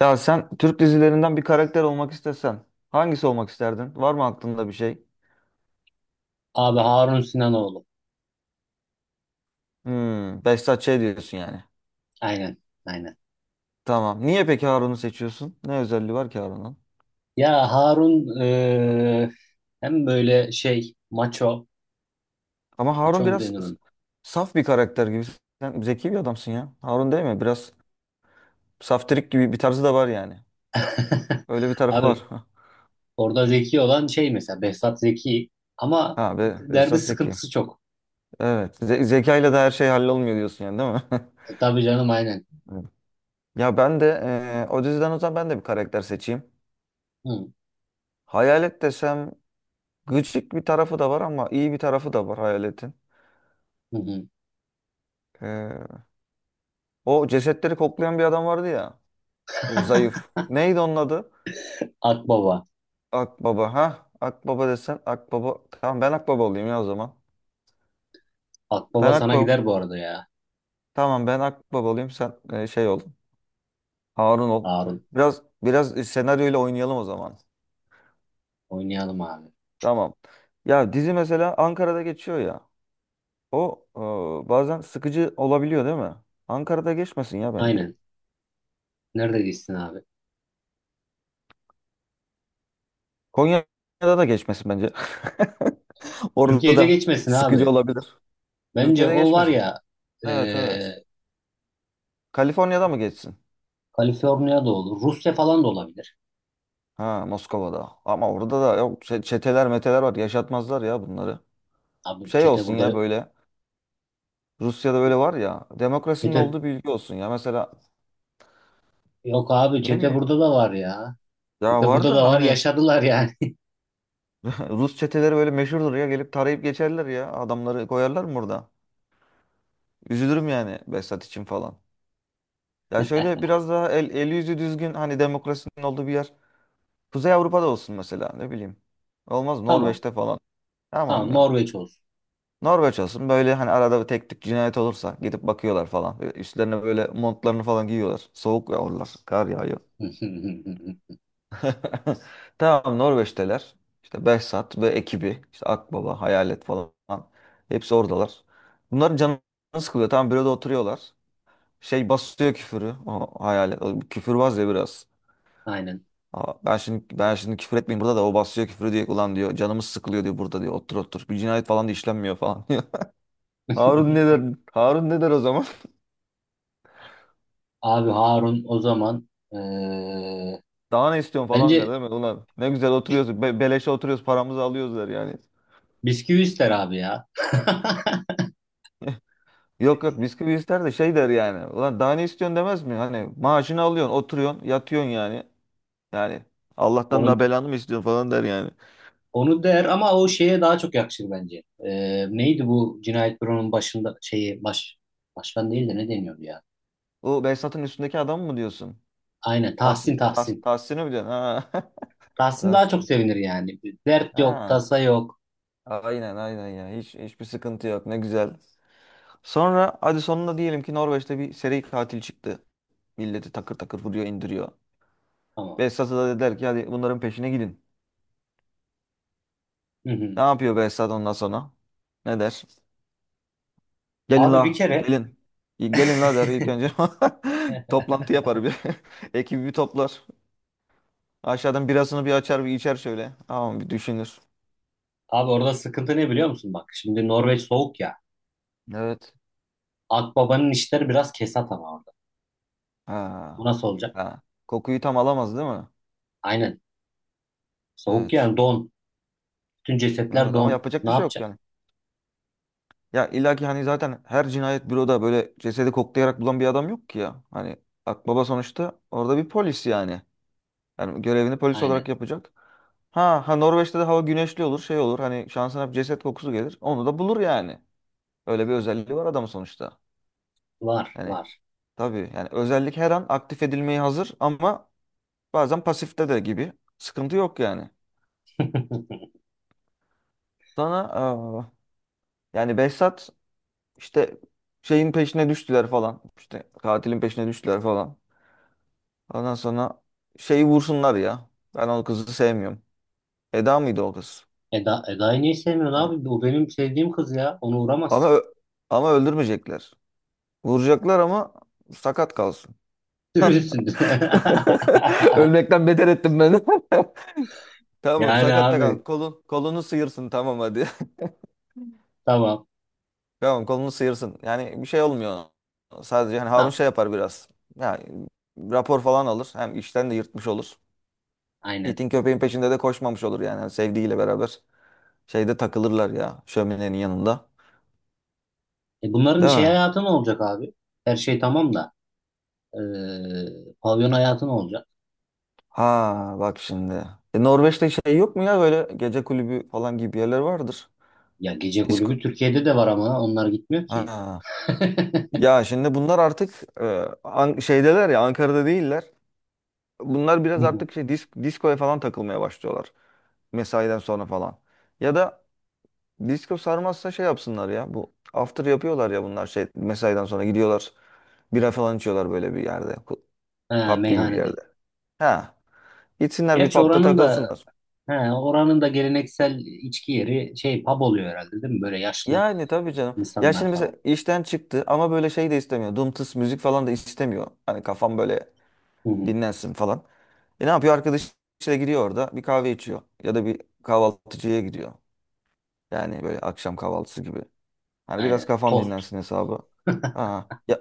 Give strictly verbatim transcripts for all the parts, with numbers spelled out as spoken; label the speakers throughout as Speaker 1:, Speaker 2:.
Speaker 1: Ya sen Türk dizilerinden bir karakter olmak istesen hangisi olmak isterdin? Var mı aklında bir şey?
Speaker 2: Abi Harun Sinanoğlu.
Speaker 1: Hmm, Behzat Ç. diyorsun yani.
Speaker 2: Aynen, aynen.
Speaker 1: Tamam. Niye peki Harun'u seçiyorsun? Ne özelliği var ki Harun'un?
Speaker 2: Ya Harun eee, hem böyle şey maço,
Speaker 1: Ama
Speaker 2: maço
Speaker 1: Harun
Speaker 2: mu
Speaker 1: biraz
Speaker 2: denir
Speaker 1: s-
Speaker 2: ona?
Speaker 1: saf bir karakter gibi. Sen zeki bir adamsın ya. Harun değil mi? Biraz saftirik gibi bir tarzı da var yani. Öyle bir tarafı
Speaker 2: Abi
Speaker 1: var.
Speaker 2: orada zeki olan şey mesela Behzat zeki ama
Speaker 1: Ha, Be
Speaker 2: derdi
Speaker 1: Behzat zeki.
Speaker 2: sıkıntısı çok.
Speaker 1: Evet. Ze zekayla da her şey hallolmuyor diyorsun yani değil mi?
Speaker 2: E, tabii canım aynen.
Speaker 1: Evet. Ya ben de eee o diziden o zaman ben de bir karakter seçeyim.
Speaker 2: Hı,
Speaker 1: Hayalet desem. Gıcık bir tarafı da var ama iyi bir tarafı da var hayaletin.
Speaker 2: hı, hı.
Speaker 1: Ee, O cesetleri koklayan bir adam vardı ya. Böyle zayıf. Neydi onun adı?
Speaker 2: Akbaba.
Speaker 1: Akbaba. Ha? Akbaba desen Akbaba. Tamam ben Akbaba olayım ya o zaman. Ben
Speaker 2: Akbaba sana
Speaker 1: Akbaba.
Speaker 2: gider bu arada ya
Speaker 1: Tamam ben Akbaba olayım sen e, şey ol. Harun ol.
Speaker 2: Harun.
Speaker 1: Biraz biraz senaryoyla oynayalım o zaman.
Speaker 2: Oynayalım abi.
Speaker 1: Tamam. Ya dizi mesela Ankara'da geçiyor ya. O e, bazen sıkıcı olabiliyor değil mi? Ankara'da geçmesin ya bence.
Speaker 2: Aynen. Nerede gitsin abi?
Speaker 1: Konya'da da geçmesin bence. Orada
Speaker 2: Türkiye'de
Speaker 1: da
Speaker 2: geçmesin
Speaker 1: sıkıcı
Speaker 2: abi.
Speaker 1: olabilir.
Speaker 2: Bence
Speaker 1: Türkiye'de
Speaker 2: o var
Speaker 1: geçmesin.
Speaker 2: ya
Speaker 1: Evet, evet.
Speaker 2: eee
Speaker 1: Kaliforniya'da mı geçsin?
Speaker 2: Kaliforniya da olur. Rusya falan da olabilir.
Speaker 1: Ha, Moskova'da. Ama orada da yok, çe- çeteler meteler var. Yaşatmazlar ya bunları.
Speaker 2: Abi
Speaker 1: Şey
Speaker 2: çete
Speaker 1: olsun ya
Speaker 2: burada
Speaker 1: böyle. Rusya'da böyle var ya. Demokrasinin
Speaker 2: çete
Speaker 1: olduğu bir ülke olsun ya. Mesela
Speaker 2: yok abi,
Speaker 1: ne
Speaker 2: çete
Speaker 1: bileyim.
Speaker 2: burada da var ya.
Speaker 1: Ya
Speaker 2: Çete
Speaker 1: var
Speaker 2: burada
Speaker 1: da
Speaker 2: da var,
Speaker 1: hani.
Speaker 2: yaşadılar yani.
Speaker 1: Rus çeteleri böyle meşhurdur ya. Gelip tarayıp geçerler ya. Adamları koyarlar mı burada? Üzülürüm yani Behzat için falan. Ya şöyle biraz daha el, el yüzü düzgün, hani demokrasinin olduğu bir yer. Kuzey Avrupa'da olsun mesela, ne bileyim. Olmaz,
Speaker 2: Tamam.
Speaker 1: Norveç'te falan. Tamam
Speaker 2: Tamam
Speaker 1: ya.
Speaker 2: Norveç olsun.
Speaker 1: Norveç olsun böyle, hani arada bir tek tük cinayet olursa gidip bakıyorlar falan. Böyle üstlerine böyle montlarını falan giyiyorlar. Soğuk yağıyorlar. Kar yağıyor. Tamam, Norveç'teler. İşte Behzat ve ekibi. İşte Akbaba, Hayalet falan. Hepsi oradalar. Bunların canı sıkılıyor. Tamam, büroda oturuyorlar. Şey basıyor küfürü. O hayalet. O küfürbaz ya biraz.
Speaker 2: Aynen.
Speaker 1: Aa, ben şimdi ben şimdi küfür etmeyeyim burada da o basıyor küfür, diyor ulan, diyor canımız sıkılıyor diyor burada, diyor otur otur bir cinayet falan da işlenmiyor falan diyor. Harun ne der Harun ne der o zaman?
Speaker 2: Abi Harun o zaman eee,
Speaker 1: Daha ne istiyorsun falan der
Speaker 2: bence
Speaker 1: değil mi, ulan ne güzel
Speaker 2: bis
Speaker 1: oturuyoruz, be beleşe oturuyoruz, paramızı alıyoruz der yani.
Speaker 2: bisküvi ister abi ya.
Speaker 1: Yok yok bisküvi ister de şey der yani, ulan daha ne istiyorsun demez mi, hani maaşını alıyorsun, oturuyorsun, yatıyorsun, yani yani Allah'tan daha
Speaker 2: Onu
Speaker 1: belanı mı istiyorsun falan der yani.
Speaker 2: onu der ama o şeye daha çok yakışır bence. Eee, neydi bu Cinayet Büro'nun başında şeyi baş başkan değil de ne deniyordu ya?
Speaker 1: O Behzat'ın üstündeki adam mı diyorsun?
Speaker 2: Aynen
Speaker 1: Tahsin,
Speaker 2: Tahsin,
Speaker 1: Tahs-
Speaker 2: Tahsin.
Speaker 1: Tahsin'i mi diyorsun? Ha.
Speaker 2: Tahsin daha çok
Speaker 1: Tahsin.
Speaker 2: sevinir yani. Dert yok,
Speaker 1: Ha.
Speaker 2: tasa yok.
Speaker 1: Aynen aynen ya. Hiç hiçbir sıkıntı yok. Ne güzel. Sonra hadi sonunda diyelim ki Norveç'te bir seri katil çıktı. Milleti takır takır vuruyor, indiriyor.
Speaker 2: Tamam.
Speaker 1: Behzat'a da dediler ki hadi bunların peşine gidin.
Speaker 2: Hı hı.
Speaker 1: Ne yapıyor Behzat ondan sonra? Ne der? Gelin
Speaker 2: Abi
Speaker 1: la,
Speaker 2: bir kere
Speaker 1: gelin. Gelin la der ilk önce. Toplantı yapar bir. Ekibi bir toplar. Aşağıdan birasını bir açar, bir içer şöyle. Tamam, bir düşünür.
Speaker 2: abi orada sıkıntı ne biliyor musun? Bak şimdi Norveç soğuk ya.
Speaker 1: Evet.
Speaker 2: Akbabanın işleri biraz kesat ama orada. Bu
Speaker 1: Ha.
Speaker 2: nasıl olacak?
Speaker 1: Ha. Kokuyu tam alamaz değil mi?
Speaker 2: Aynen. Soğuk
Speaker 1: Evet.
Speaker 2: yani don. Bütün cesetler
Speaker 1: Evet, ama
Speaker 2: don.
Speaker 1: yapacak
Speaker 2: Ne
Speaker 1: bir şey yok
Speaker 2: yapacak?
Speaker 1: yani. Ya illaki hani zaten her cinayet büroda böyle cesedi koklayarak bulan bir adam yok ki ya. Hani akbaba sonuçta orada bir polis yani. Yani görevini polis olarak
Speaker 2: Aynen.
Speaker 1: yapacak. Ha, ha Norveç'te de hava güneşli olur, şey olur. Hani şansına bir ceset kokusu gelir. Onu da bulur yani. Öyle bir özelliği var adamın sonuçta.
Speaker 2: Var
Speaker 1: Yani
Speaker 2: var.
Speaker 1: tabii yani özellik her an aktif edilmeye hazır ama bazen pasifte de gibi. Sıkıntı yok yani. Sana aa, yani Behzat işte şeyin peşine düştüler falan. İşte katilin peşine düştüler falan. Ondan sonra şeyi vursunlar ya. Ben o kızı sevmiyorum. Eda mıydı o kız?
Speaker 2: Eda, Eda'yı niye sevmiyorsun abi?
Speaker 1: Ha.
Speaker 2: Bu benim sevdiğim kız ya. Onu
Speaker 1: Ama
Speaker 2: uğramazsın.
Speaker 1: ö- Ama öldürmeyecekler. Vuracaklar ama sakat kalsın.
Speaker 2: Sürünsün.
Speaker 1: Ölmekten beter ettim ben. Tamam,
Speaker 2: Yani
Speaker 1: sakat da kal.
Speaker 2: abi.
Speaker 1: Kolun, kolunu sıyırsın, tamam hadi.
Speaker 2: Tamam.
Speaker 1: Tamam, kolunu sıyırsın. Yani bir şey olmuyor ona. Sadece hani Harun
Speaker 2: Tamam.
Speaker 1: şey yapar biraz. Yani rapor falan alır. Hem işten de yırtmış olur.
Speaker 2: Aynen.
Speaker 1: İtin köpeğin peşinde de koşmamış olur yani. Hani sevdiğiyle beraber şeyde takılırlar ya, şöminenin yanında.
Speaker 2: E bunların
Speaker 1: Değil
Speaker 2: şey
Speaker 1: mi?
Speaker 2: hayatı ne olacak abi? Her şey tamam da e, pavyon hayatı ne olacak?
Speaker 1: Ha, bak şimdi. E, Norveç'te şey yok mu ya, böyle gece kulübü falan gibi yerler vardır.
Speaker 2: Ya gece kulübü
Speaker 1: Disko.
Speaker 2: Türkiye'de de var ama onlar gitmiyor ki.
Speaker 1: Ha.
Speaker 2: Hı
Speaker 1: Ya şimdi bunlar artık e, An- şeydeler ya, Ankara'da değiller. Bunlar biraz
Speaker 2: hı.
Speaker 1: artık şey disk diskoya falan takılmaya başlıyorlar. Mesaiden sonra falan. Ya da disko sarmazsa şey yapsınlar ya bu after yapıyorlar ya bunlar şey mesaiden sonra gidiyorlar. Bira falan içiyorlar böyle bir yerde. Ku-
Speaker 2: Ha,
Speaker 1: Pub gibi bir yerde.
Speaker 2: meyhanede.
Speaker 1: Ha. Gitsinler bir
Speaker 2: Gerçi
Speaker 1: pubda
Speaker 2: oranın da
Speaker 1: takılsınlar.
Speaker 2: he, oranın da geleneksel içki yeri şey pub oluyor herhalde değil mi? Böyle yaşlı
Speaker 1: Yani tabii canım. Ya
Speaker 2: insanlar
Speaker 1: şimdi mesela
Speaker 2: falan.
Speaker 1: işten çıktı ama böyle şey de istemiyor. Dum tıs müzik falan da istemiyor. Hani kafam böyle
Speaker 2: Hı hı.
Speaker 1: dinlensin falan. E ne yapıyor? Arkadaşıyla gidiyor orada bir kahve içiyor. Ya da bir kahvaltıcıya gidiyor. Yani böyle akşam kahvaltısı gibi. Hani biraz
Speaker 2: Aynen.
Speaker 1: kafam
Speaker 2: Tost.
Speaker 1: dinlensin hesabı. Aa, ya,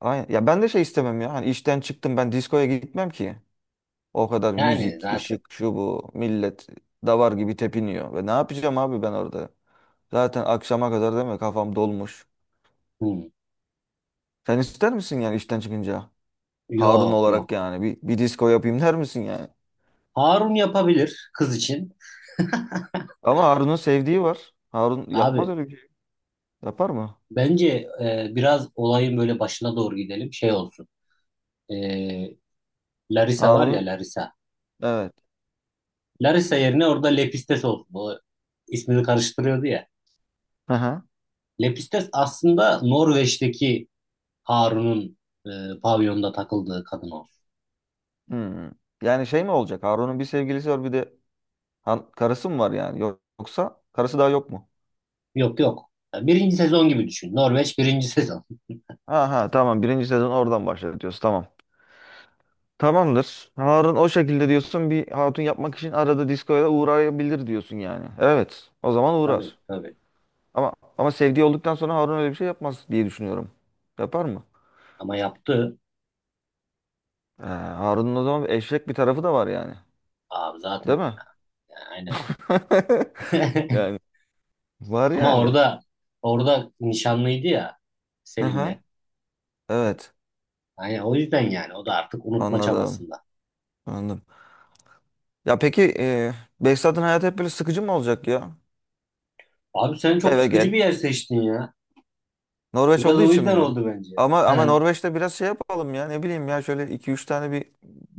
Speaker 1: aynen. Ya ben de şey istemem ya. Hani işten çıktım, ben diskoya gitmem ki. O kadar
Speaker 2: Yani
Speaker 1: müzik,
Speaker 2: zaten.
Speaker 1: ışık, şu bu. Millet davar gibi tepiniyor. Ve ne yapacağım abi ben orada? Zaten akşama kadar değil mi? Kafam dolmuş.
Speaker 2: Hı.
Speaker 1: Sen ister misin yani işten çıkınca? Harun
Speaker 2: Yok
Speaker 1: olarak
Speaker 2: yok.
Speaker 1: yani bir, bir disco yapayım der misin yani?
Speaker 2: Harun yapabilir kız için.
Speaker 1: Ama Harun'un sevdiği var. Harun yapmaz
Speaker 2: Abi
Speaker 1: öyle bir şey. Yapar mı?
Speaker 2: bence e, biraz olayın böyle başına doğru gidelim. Şey olsun. E, Larisa var ya
Speaker 1: Harun'un,
Speaker 2: Larisa.
Speaker 1: evet.
Speaker 2: Larisa yerine orada Lepistes oldu. O ismini karıştırıyordu ya.
Speaker 1: Hı hı.
Speaker 2: Lepistes aslında Norveç'teki Harun'un e, pavyonda takıldığı kadın olsun.
Speaker 1: Hmm. Yani şey mi olacak? Harun'un bir sevgilisi var bir de han- karısı mı var yani? Yok- Yoksa karısı daha yok mu?
Speaker 2: Yok yok. Ya birinci sezon gibi düşün. Norveç birinci sezon.
Speaker 1: Aha, tamam, birinci sezon oradan başlar diyorsun, tamam. Tamamdır. Harun o şekilde diyorsun, bir hatun yapmak için arada diskoya da uğrayabilir diyorsun yani. Evet, o zaman
Speaker 2: Tabii
Speaker 1: uğrar.
Speaker 2: tabii.
Speaker 1: Ama ama sevdiği olduktan sonra Harun öyle bir şey yapmaz diye düşünüyorum. Yapar mı?
Speaker 2: Ama yaptı.
Speaker 1: Ee, Harun'un o zaman eşek bir tarafı da var yani.
Speaker 2: Abi zaten
Speaker 1: Değil mi?
Speaker 2: ya. Ya, aynen.
Speaker 1: Yani var
Speaker 2: Ama
Speaker 1: yani.
Speaker 2: orada orada nişanlıydı ya
Speaker 1: Aha,
Speaker 2: Selim'le.
Speaker 1: evet,
Speaker 2: Yani o yüzden yani o da artık unutma
Speaker 1: anladım.
Speaker 2: çabasında.
Speaker 1: Anladım. Ya peki e, Behzat'ın hayatı hep böyle sıkıcı mı olacak ya?
Speaker 2: Abi sen çok
Speaker 1: Eve
Speaker 2: sıkıcı bir
Speaker 1: gel.
Speaker 2: yer seçtin ya.
Speaker 1: Norveç
Speaker 2: Biraz
Speaker 1: olduğu
Speaker 2: o
Speaker 1: için
Speaker 2: yüzden
Speaker 1: mi?
Speaker 2: oldu bence.
Speaker 1: Ama ama
Speaker 2: He.
Speaker 1: Norveç'te biraz şey yapalım ya, ne bileyim ya, şöyle iki üç tane bir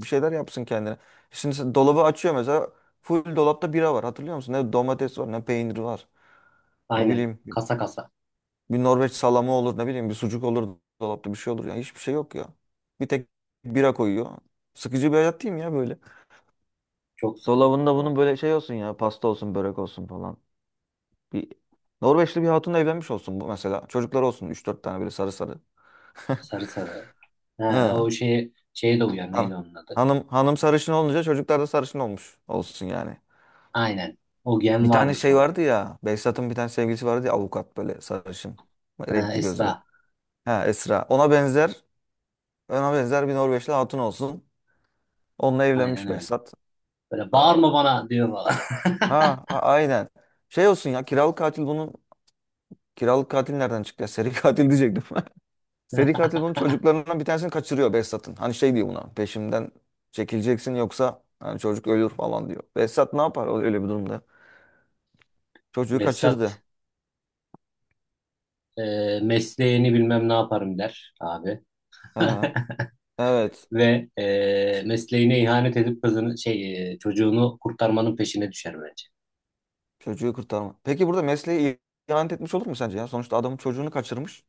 Speaker 1: bir şeyler yapsın kendine. Şimdi sen dolabı açıyor mesela, full dolapta bira var, hatırlıyor musun? Ne domates var, ne peynir var. Ne
Speaker 2: Aynen.
Speaker 1: bileyim,
Speaker 2: Kasa kasa.
Speaker 1: bir Norveç salamı olur, ne bileyim bir sucuk olur dolapta, bir şey olur. Yani hiçbir şey yok ya. Bir tek bira koyuyor. Sıkıcı bir hayat değil mi ya böyle?
Speaker 2: Çok sıkıcı.
Speaker 1: Dolabında
Speaker 2: Çok.
Speaker 1: bunun böyle şey olsun ya, pasta olsun, börek olsun falan. Bir Norveçli bir hatunla evlenmiş olsun bu mesela. Çocuklar olsun üç dört tane, böyle sarı sarı.
Speaker 2: Sarı sarı. Ha,
Speaker 1: He.
Speaker 2: o şeye, şeye de uyar.
Speaker 1: Ha.
Speaker 2: Neydi onun adı?
Speaker 1: Hanım hanım sarışın olunca çocuklar da sarışın olmuş olsun yani.
Speaker 2: Aynen. O gen
Speaker 1: Bir tane
Speaker 2: varmış
Speaker 1: şey
Speaker 2: onun.
Speaker 1: vardı ya. Behzat'ın bir tane sevgilisi vardı ya, avukat, böyle sarışın.
Speaker 2: Ha,
Speaker 1: Renkli
Speaker 2: Esra.
Speaker 1: gözlü. Ha, Esra. Ona benzer ona benzer bir Norveçli hatun olsun. Onunla
Speaker 2: Aynen
Speaker 1: evlenmiş
Speaker 2: öyle.
Speaker 1: Behzat.
Speaker 2: Böyle
Speaker 1: Aa,
Speaker 2: bağırma bana diyor falan.
Speaker 1: ha, a- aynen. Şey olsun ya, kiralık katil bunun, kiralık katil nereden çıktı ya? Seri katil diyecektim. Seri katil bunun çocuklarından bir tanesini kaçırıyor, Behzat'ın. Hani şey diyor buna, peşimden çekileceksin, yoksa hani çocuk ölür falan diyor. Behzat ne yapar öyle bir durumda? Çocuğu
Speaker 2: Behzat
Speaker 1: kaçırdı.
Speaker 2: e, mesleğini bilmem ne yaparım der abi.
Speaker 1: Aha, evet.
Speaker 2: Ve e,
Speaker 1: Ç-
Speaker 2: mesleğine ihanet edip kızını şey e, çocuğunu kurtarmanın peşine düşer bence.
Speaker 1: Çocuğu kurtarma. Peki burada mesleği ihanet etmiş olur mu sence ya? Sonuçta adamın çocuğunu kaçırmış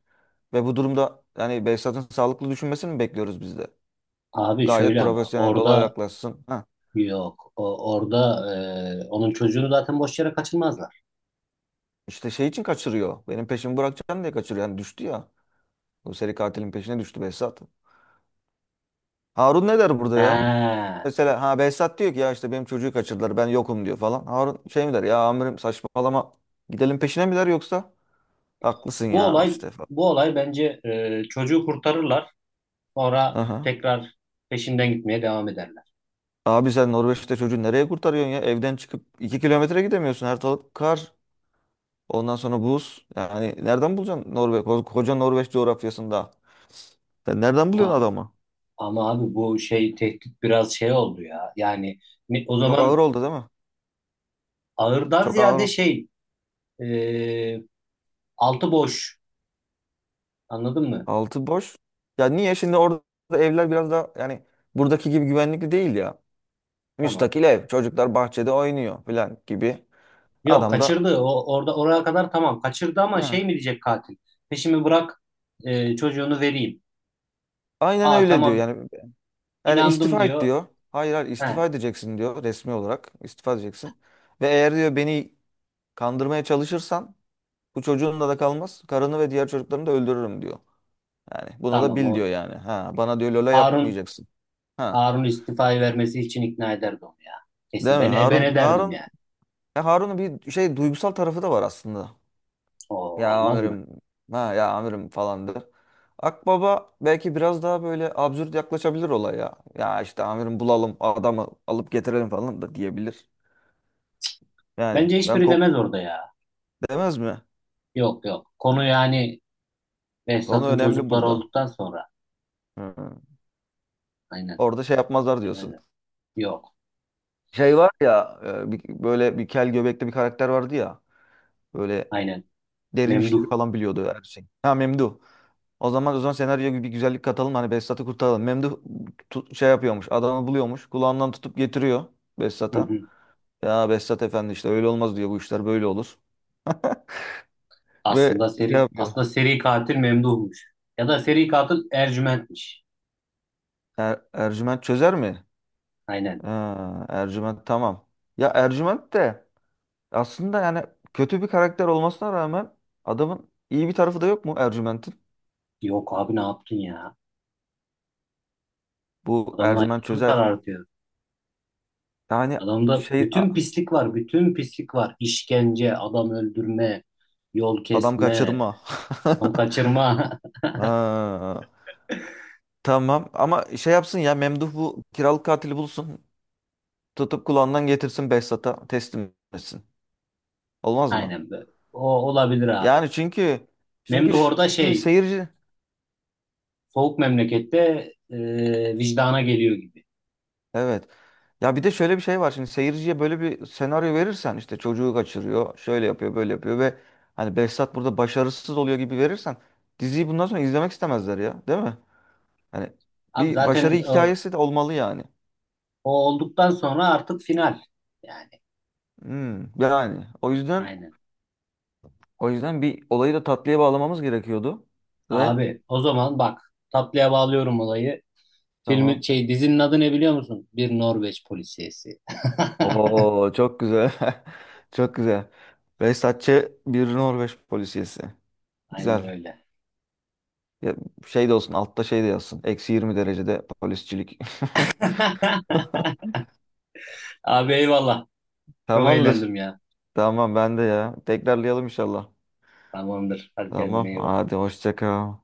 Speaker 1: ve bu durumda yani Behzat'ın sağlıklı düşünmesini mi bekliyoruz biz de?
Speaker 2: Abi
Speaker 1: Gayet
Speaker 2: şöyle ama
Speaker 1: profesyonel olaya
Speaker 2: orada
Speaker 1: yaklaşsın.
Speaker 2: yok. O, orada e, onun çocuğunu zaten boş yere kaçırmazlar.
Speaker 1: İşte şey için kaçırıyor. Benim peşimi bırakacaksın diye kaçırıyor. Yani düştü ya. Bu seri katilin peşine düştü Behzat. Harun ne der burada ya?
Speaker 2: He,
Speaker 1: Mesela ha, Behzat diyor ki ya işte benim çocuğu kaçırdılar, ben yokum diyor falan. Harun şey mi der ya, amirim saçmalama, gidelim peşine mi der yoksa? Haklısın
Speaker 2: Bu
Speaker 1: ya
Speaker 2: olay
Speaker 1: işte falan.
Speaker 2: bu olay bence e, çocuğu kurtarırlar. Sonra
Speaker 1: Aha.
Speaker 2: tekrar peşinden gitmeye devam ederler.
Speaker 1: Abi sen Norveç'te çocuğu nereye kurtarıyorsun ya? Evden çıkıp iki kilometre gidemiyorsun. Her taraf kar. Ondan sonra buz. Yani nereden bulacaksın Norveç? Ko- Koca Norveç coğrafyasında. Sen nereden buluyorsun
Speaker 2: Ama
Speaker 1: adamı?
Speaker 2: ama abi bu şey tehdit biraz şey oldu ya. Yani ne- o
Speaker 1: Çok ağır
Speaker 2: zaman
Speaker 1: oldu değil mi?
Speaker 2: ağırdan
Speaker 1: Çok
Speaker 2: ziyade
Speaker 1: ağır.
Speaker 2: şey e, altı boş. Anladın mı?
Speaker 1: Altı boş. Ya niye şimdi orada evler biraz daha yani buradaki gibi güvenlikli değil ya.
Speaker 2: Tamam.
Speaker 1: Müstakil ev. Çocuklar bahçede oynuyor falan gibi.
Speaker 2: Yok
Speaker 1: Adam da
Speaker 2: kaçırdı. O orada oraya kadar tamam. Kaçırdı ama
Speaker 1: ha,
Speaker 2: şey mi diyecek katil? Peşimi bırak e, çocuğunu vereyim.
Speaker 1: aynen
Speaker 2: Aa
Speaker 1: öyle diyor.
Speaker 2: tamam
Speaker 1: Yani, yani
Speaker 2: inandım
Speaker 1: istifa et
Speaker 2: diyor.
Speaker 1: diyor. Hayır hayır,
Speaker 2: He
Speaker 1: istifa edeceksin diyor, resmi olarak. İstifa edeceksin. Ve eğer diyor beni kandırmaya çalışırsan bu çocuğun da da kalmaz. Karını ve diğer çocuklarını da öldürürüm diyor. Yani bunu da
Speaker 2: tamam
Speaker 1: bil
Speaker 2: o
Speaker 1: diyor yani. Ha, bana diyor Lola
Speaker 2: Harun
Speaker 1: yapmayacaksın. Ha.
Speaker 2: Harun istifayı vermesi için ikna ederdi onu ya. Kesin
Speaker 1: Değil mi?
Speaker 2: beni e, ben
Speaker 1: Harun
Speaker 2: ederdim
Speaker 1: Harun
Speaker 2: yani.
Speaker 1: ya Harun'un bir şey duygusal tarafı da var aslında.
Speaker 2: O
Speaker 1: Ya
Speaker 2: olmaz mı?
Speaker 1: amirim, ha ya amirim falandır. Akbaba belki biraz daha böyle absürt yaklaşabilir olaya. Ya işte amirim bulalım adamı alıp getirelim falan da diyebilir. Yani
Speaker 2: Bence
Speaker 1: ben
Speaker 2: hiçbiri demez
Speaker 1: kok
Speaker 2: orada ya.
Speaker 1: demez mi?
Speaker 2: Yok yok. Konu yani
Speaker 1: Konu
Speaker 2: Behzat'ın
Speaker 1: önemli
Speaker 2: çocukları
Speaker 1: burada.
Speaker 2: olduktan sonra.
Speaker 1: Hı.
Speaker 2: Aynen.
Speaker 1: Orada şey yapmazlar diyorsun.
Speaker 2: Demezler. Yok.
Speaker 1: Şey var ya e, bir- böyle bir kel göbekli bir karakter vardı ya. Böyle
Speaker 2: Aynen.
Speaker 1: derin işleri
Speaker 2: Memduh.
Speaker 1: falan biliyordu, her şey. Ha, Memduh. O zaman o zaman senaryoya bir güzellik katalım, hani Behzat'ı kurtaralım. Memduh tu- şey yapıyormuş, adamı buluyormuş, kulağından tutup getiriyor
Speaker 2: Hı
Speaker 1: Behzat'a.
Speaker 2: hı.
Speaker 1: Ya Behzat Efendi işte öyle olmaz diyor, bu işler böyle olur. Ve
Speaker 2: Aslında
Speaker 1: şey
Speaker 2: seri
Speaker 1: yapıyor.
Speaker 2: aslında seri katil Memduh'muş. Ya da seri katil Ercüment'miş.
Speaker 1: Er- Ercüment çözer mi?
Speaker 2: Aynen.
Speaker 1: Ha, Ercüment, tamam. Ya Ercüment de aslında yani kötü bir karakter olmasına rağmen adamın iyi bir tarafı da yok mu Ercüment'in?
Speaker 2: Yok abi ne yaptın ya?
Speaker 1: Bu
Speaker 2: Adamın
Speaker 1: Ercüment
Speaker 2: hayatını
Speaker 1: çözer.
Speaker 2: karartıyor.
Speaker 1: Yani
Speaker 2: Adamda
Speaker 1: şey
Speaker 2: bütün
Speaker 1: a-
Speaker 2: pislik var, bütün pislik var. İşkence, adam öldürme, yol
Speaker 1: adam
Speaker 2: kesme,
Speaker 1: kaçırma.
Speaker 2: tam kaçırma.
Speaker 1: Ha, tamam ama şey yapsın ya Memduh bu kiralık katili bulsun. Tutup kulağından getirsin Behzat'a teslim etsin. Olmaz mı?
Speaker 2: Aynen böyle. O olabilir abi.
Speaker 1: Yani çünkü çünkü
Speaker 2: Memduh
Speaker 1: ş-
Speaker 2: orada
Speaker 1: şimdi
Speaker 2: şey
Speaker 1: seyirci,
Speaker 2: soğuk memlekette e, vicdana geliyor gibi.
Speaker 1: evet. Ya bir de şöyle bir şey var. Şimdi seyirciye böyle bir senaryo verirsen, işte çocuğu kaçırıyor, şöyle yapıyor, böyle yapıyor ve hani Behzat burada başarısız oluyor gibi verirsen, diziyi bundan sonra izlemek istemezler ya, değil mi? Hani
Speaker 2: Abi
Speaker 1: bir
Speaker 2: zaten
Speaker 1: başarı
Speaker 2: o,
Speaker 1: hikayesi de olmalı yani.
Speaker 2: o olduktan sonra artık final. Yani
Speaker 1: Hmm, yani o yüzden
Speaker 2: aynen.
Speaker 1: o yüzden bir olayı da tatlıya bağlamamız gerekiyordu ve
Speaker 2: Abi o zaman bak, tatlıya bağlıyorum olayı. Filmin
Speaker 1: tamam.
Speaker 2: şey dizinin adı ne biliyor musun? Bir Norveç polisiyesi.
Speaker 1: Oo, çok güzel. Çok güzel. Behzatçı bir Norveç polisiyesi.
Speaker 2: Aynen
Speaker 1: Güzel.
Speaker 2: öyle.
Speaker 1: Ya şey de olsun altta, şey de yazsın. Eksi yirmi derecede polisçilik.
Speaker 2: Abi eyvallah. Çok
Speaker 1: Tamamdır.
Speaker 2: eğlendim ya.
Speaker 1: Tamam, ben de ya. Tekrarlayalım inşallah.
Speaker 2: Tamamdır. Hadi kendine
Speaker 1: Tamam.
Speaker 2: iyi bak.
Speaker 1: Hadi hoşça kal.